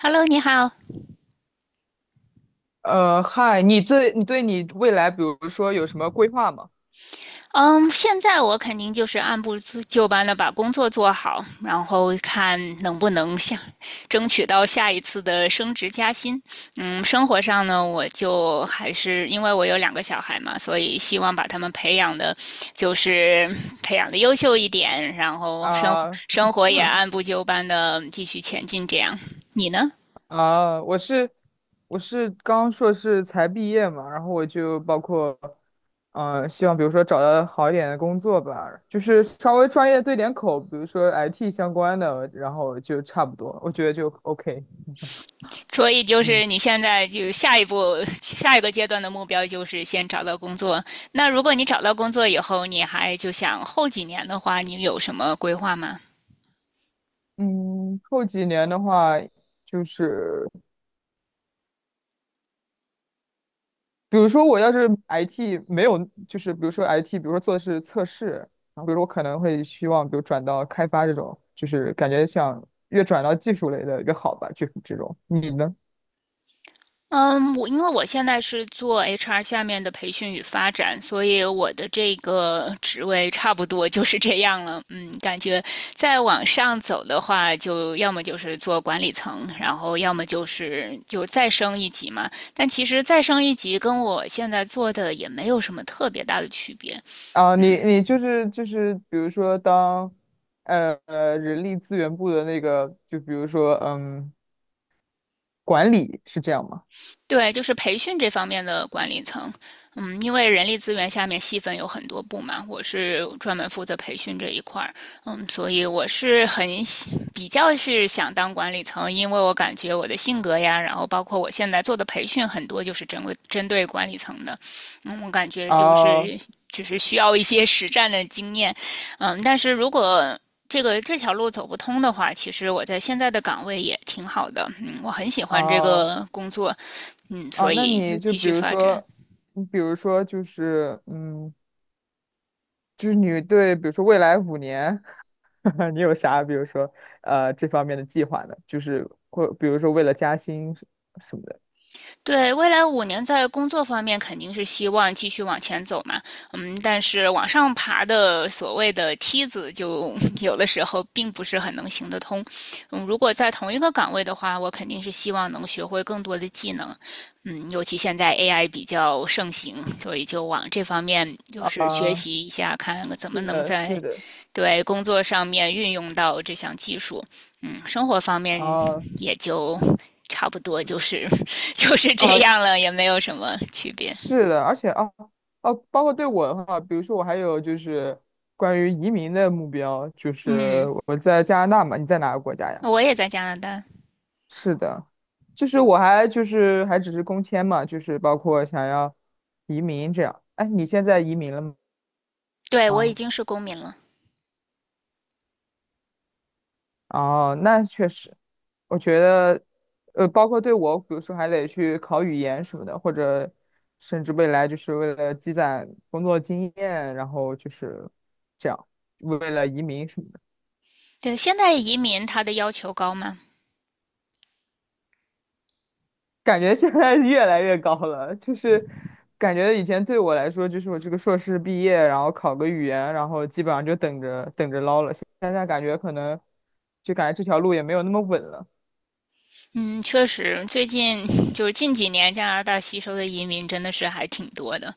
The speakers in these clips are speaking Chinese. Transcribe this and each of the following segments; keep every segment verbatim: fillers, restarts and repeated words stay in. Hello，你好。呃，嗨，你对你对你未来，比如说有什么规划吗？嗯，现在我肯定就是按部就班的把工作做好，然后看能不能下争取到下一次的升职加薪。嗯，生活上呢，我就还是因为我有两个小孩嘛，所以希望把他们培养的，就是培养的优秀一点，然后生活啊、生活也 按部就班的继续前进。这样，你呢？啊，我是我是刚硕士才毕业嘛，然后我就包括，嗯、希望比如说找到好一点的工作吧，就是稍微专业对点口，比如说 I T 相关的，然后就差不多，我觉得就 OK。所以就嗯是你现在就下一步下一个阶段的目标就是先找到工作。那如果你找到工作以后，你还就想后几年的话，你有什么规划吗？嗯，后几年的话，就是比如说我要是 I T 没有，就是比如说 I T,比如说做的是测试，然后比如说我可能会希望，比如转到开发这种，就是感觉想越转到技术类的越好吧，就是这种。你呢？嗯，我因为我现在是做 H R 下面的培训与发展，所以我的这个职位差不多就是这样了。嗯，感觉再往上走的话，就要么就是做管理层，然后要么就是就再升一级嘛。但其实再升一级跟我现在做的也没有什么特别大的区别，啊，你你就是就是比如说当呃呃人力资源部的那个，就比如说嗯管理是这样吗？对，就是培训这方面的管理层，嗯，因为人力资源下面细分有很多部嘛，我是专门负责培训这一块儿，嗯，所以我是很比较是想当管理层，因为我感觉我的性格呀，然后包括我现在做的培训很多就是针对针对管理层的，嗯，我感觉就啊是就是需要一些实战的经验，嗯，但是如果这个这条路走不通的话，其实我在现在的岗位也挺好的，嗯，我很喜欢这啊个工作，嗯，啊，所那以就你就继比续如发展。说，你比如说就是嗯，就是你对比如说未来五年。你有啥比如说呃这方面的计划呢？就是或比如说为了加薪什什么的。对，未来五年在工作方面肯定是希望继续往前走嘛。嗯，但是往上爬的所谓的梯子就 有的时候并不是很能行得通。嗯，如果在同一个岗位的话，我肯定是希望能学会更多的技能。嗯，尤其现在 A I 比较盛行，所以就往这方面就是学啊，习一下，看怎么是能的，在是的，对工作上面运用到这项技术，嗯，生活方面啊也就差不多就是 就是这啊，样了，也没有什么区别。是的，而且啊，哦，包括对我的话，比如说我还有就是关于移民的目标，就是嗯，我在加拿大嘛，你在哪个国家呀？我也在加拿大，是的，就是我还就是还只是工签嘛，就是包括想要移民这样。哎，你现在移民了对我已吗？经是公民了。哦，那确实，我觉得，呃，包括对我，比如说还得去考语言什么的，或者甚至未来就是为了积攒工作经验，然后就是这样，为了移民什么的，对，现在移民它的要求高吗？感觉现在是越来越高了。就是感觉以前对我来说，就是我这个硕士毕业，然后考个语言，然后基本上就等着等着捞了。现在感觉可能就感觉这条路也没有那么稳了，嗯，确实，最近就是近几年加拿大吸收的移民真的是还挺多的，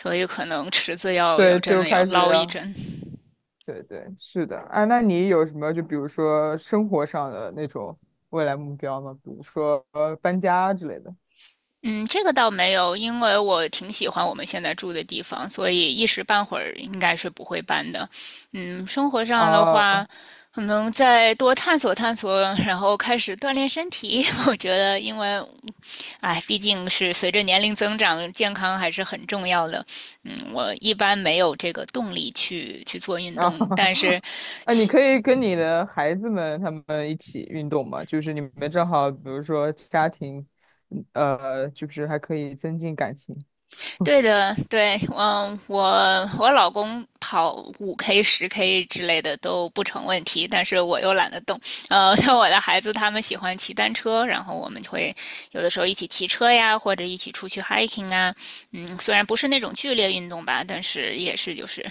所以可能池子要要对，真就的要开始。捞一要。针。对对，是的啊。那你有什么就比如说生活上的那种未来目标吗？比如说呃搬家之类的。嗯，这个倒没有，因为我挺喜欢我们现在住的地方，所以一时半会儿应该是不会搬的。嗯，生活上的啊话，啊 可能再多探索探索，然后开始锻炼身体。我觉得，因为，哎，毕竟是随着年龄增长，健康还是很重要的。嗯，我一般没有这个动力去去做运动，但是 啊！你可以跟你的孩子们他们一起运动嘛，就是你们正好，比如说家庭，嗯呃，就是还可以增进感情。对的，对，嗯，我我老公跑五 K、十 K 之类的都不成问题，但是我又懒得动。呃，像我的孩子他们喜欢骑单车，然后我们就会有的时候一起骑车呀，或者一起出去 hiking 啊。嗯，虽然不是那种剧烈运动吧，但是也是就是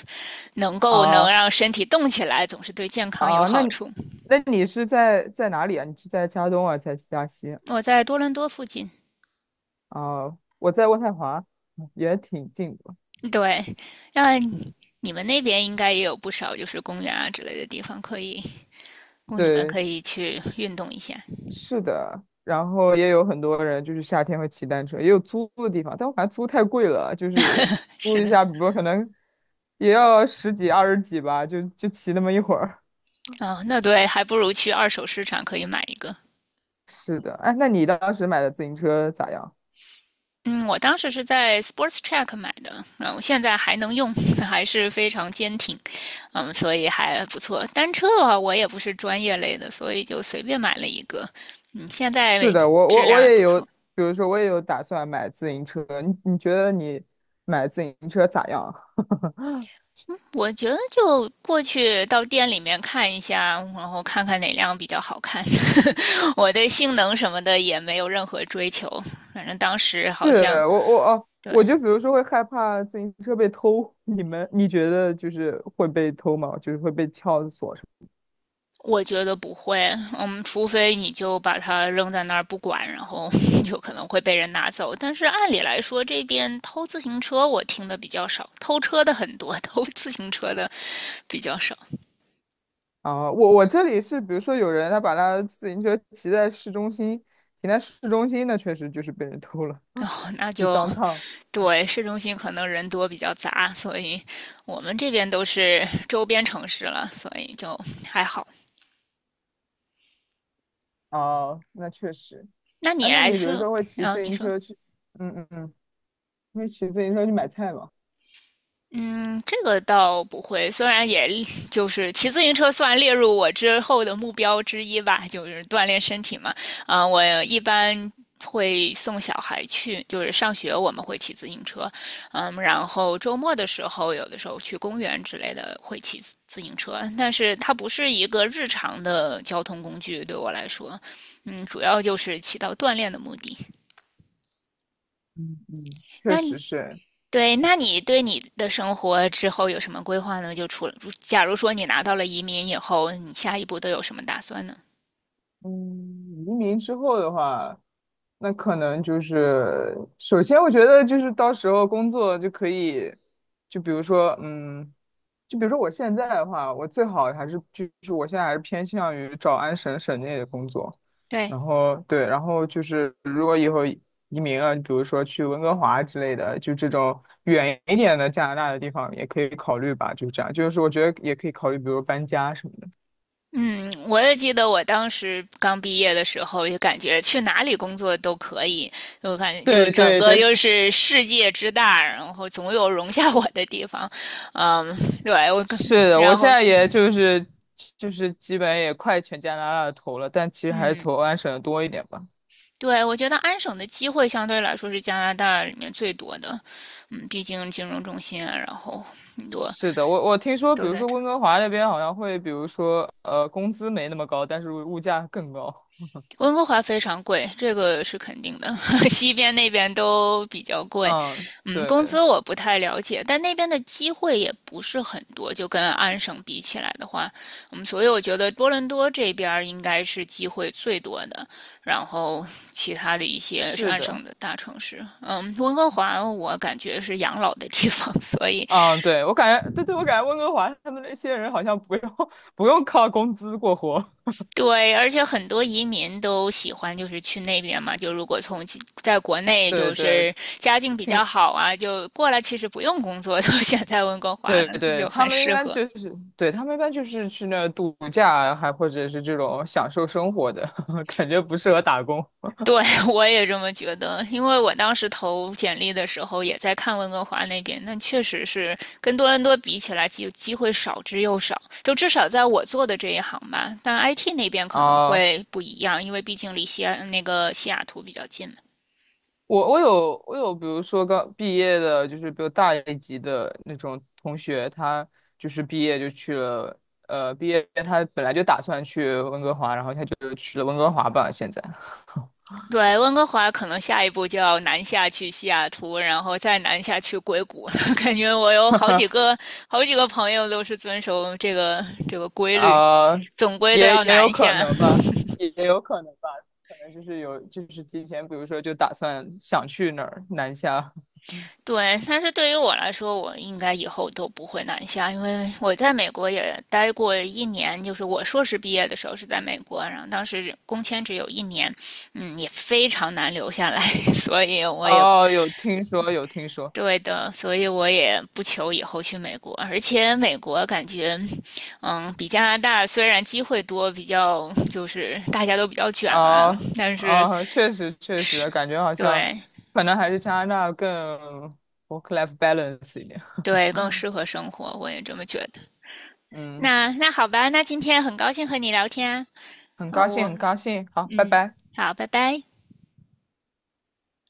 能够能啊让身体动起来，总是对健康有啊。那好你处。那你是在在哪里啊？你是在加东啊，在加西我在多伦多附近，啊？我在渥太华，也挺近的。对，那你们那边应该也有不少就是公园啊之类的地方可以供你们对，可以去运动一下。是的，然后也有很多人就是夏天会骑单车，也有租的地方，但我感觉租太贵了，就是租是一的，下，比如说可能也要十几二十几吧，就就骑那么一会儿。哦，那对，还不如去二手市场可以买一个。是的，哎，那你当时买的自行车咋样？嗯，我当时是在 Sports Track 买的，嗯、呃我现在还能用，还是非常坚挺，嗯，所以还不错。单车啊，我也不是专业类的，所以就随便买了一个，嗯，现在是的，我质我我量也也不有，错。比如说我也有打算买自行车，你你觉得你买自行车咋样？我觉得就过去到店里面看一下，然后看看哪辆比较好看。我对性能什么的也没有任何追求，反正当时好像是我我哦，对，我就比如说会害怕自行车被偷，你们你觉得就是会被偷吗？就是会被撬锁？什么？我觉得不会，嗯，除非你就把它扔在那儿不管，然后 有可能会被人拿走。但是按理来说，这边偷自行车我听的比较少，偷车的很多，偷自行车的比较少。啊，我我这里是，比如说有人他把他自行车骑在市中心，停在市中心，那确实就是被人偷了，哦，那 就 就 downtown。对，市中心可能人多比较杂，所以我们这边都是周边城市了，所以就还好。哦，那确实。那你啊，那来你比如说，说会骑然后自你行说。车去，嗯嗯嗯，会骑自行车去买菜吗？嗯，这个倒不会，虽然也就是骑自行车算列入我之后的目标之一吧，就是锻炼身体嘛。啊、我一般会送小孩去，就是上学我们会骑自行车，嗯，然后周末的时候，有的时候去公园之类的会骑自自行车，但是它不是一个日常的交通工具，对我来说，嗯，主要就是起到锻炼的目的。嗯嗯，确那你实是。对，那你对你的生活之后有什么规划呢？就除了，假如说你拿到了移民以后，你下一步都有什么打算呢？嗯，移民之后的话，那可能就是，首先我觉得就是到时候工作就可以，就比如说，嗯。就比如说我现在的话，我最好还是就是我现在还是偏向于找安省省内的工作，对，然后对，然后就是如果以后移民了，比如说去温哥华之类的，就这种远一点的加拿大的地方也可以考虑吧，就这样，就是我觉得也可以考虑，比如搬家什么的。嗯，我也记得我当时刚毕业的时候，就感觉去哪里工作都可以，我感觉就对整对个对，就是世界之大，然后总有容下我的地方。嗯，对，我 跟，是的，我然现后，在也就是就是基本也快全加拿大的投了，但其实还是嗯，投安省的多一点吧。对，我觉得安省的机会相对来说是加拿大里面最多的，嗯，毕竟金融中心啊，然后很多是的，我我听说，都比如在说这温儿。哥华那边好像会，比如说呃，工资没那么高，但是物价更高。温哥华非常贵，这个是肯定的。西边那边都比较贵，嗯，嗯，对，工资我不太了解，但那边的机会也不是很多，就跟安省比起来的话，嗯，所以我觉得多伦多这边应该是机会最多的，然后其他的一些是是安的，省的大城市，嗯，温哥华我感觉是养老的地方，所以嗯，对，我感觉，对对，我感觉温哥华他们那些人好像不用 不用靠工资过活。对，而且很多移民都喜欢就是去那边嘛，就如果从其在国内对就对，是家境比较听，好啊，就过来其实不用工作，就选在温哥华对呢，对，就他很们一适般合。就是，对，他们一般就是去那儿度假啊，还或者是这种享受生活的，感觉不适合打工。对，我也这么觉得，因为我当时投简历的时候也在看温哥华那边，那确实是跟多伦多比起来机机会少之又少，就至少在我做的这一行吧。但 I T 那边可能啊。会不一样，因为毕竟离西安那个西雅图比较近嘛。我我有我有，比如说刚毕业的，就是比我大一级的那种同学，他就是毕业就去了，呃，毕业他本来就打算去温哥华，然后他就去了温哥华吧，现在，对，温哥华可能下一步就要南下去西雅图，然后再南下去硅谷了。感觉我有好几个好几个朋友都是遵守这个这个规律，啊、总归都也要也有南可下。能吧，也也有可能吧，可能就是有就是提前，比如说就打算想去哪儿南下，对，但是对于我来说，我应该以后都不会南下，因为我在美国也待过一年，就是我硕士毕业的时候是在美国，然后当时工签只有一年，嗯，也非常难留下来，所以我也哦，有听说有听说，对的，所以我也不求以后去美国，而且美国感觉，嗯，比加拿大虽然机会多，比较就是大家都比较卷啊，哦但是哦，确实确实，感觉好像对可能还是加拿大更 work-life balance 一点。对更适合生活，我也这么觉得。嗯，那那好吧，那今天很高兴和你聊天很啊，好高兴，我很高兴，好，拜嗯，拜。好，拜拜。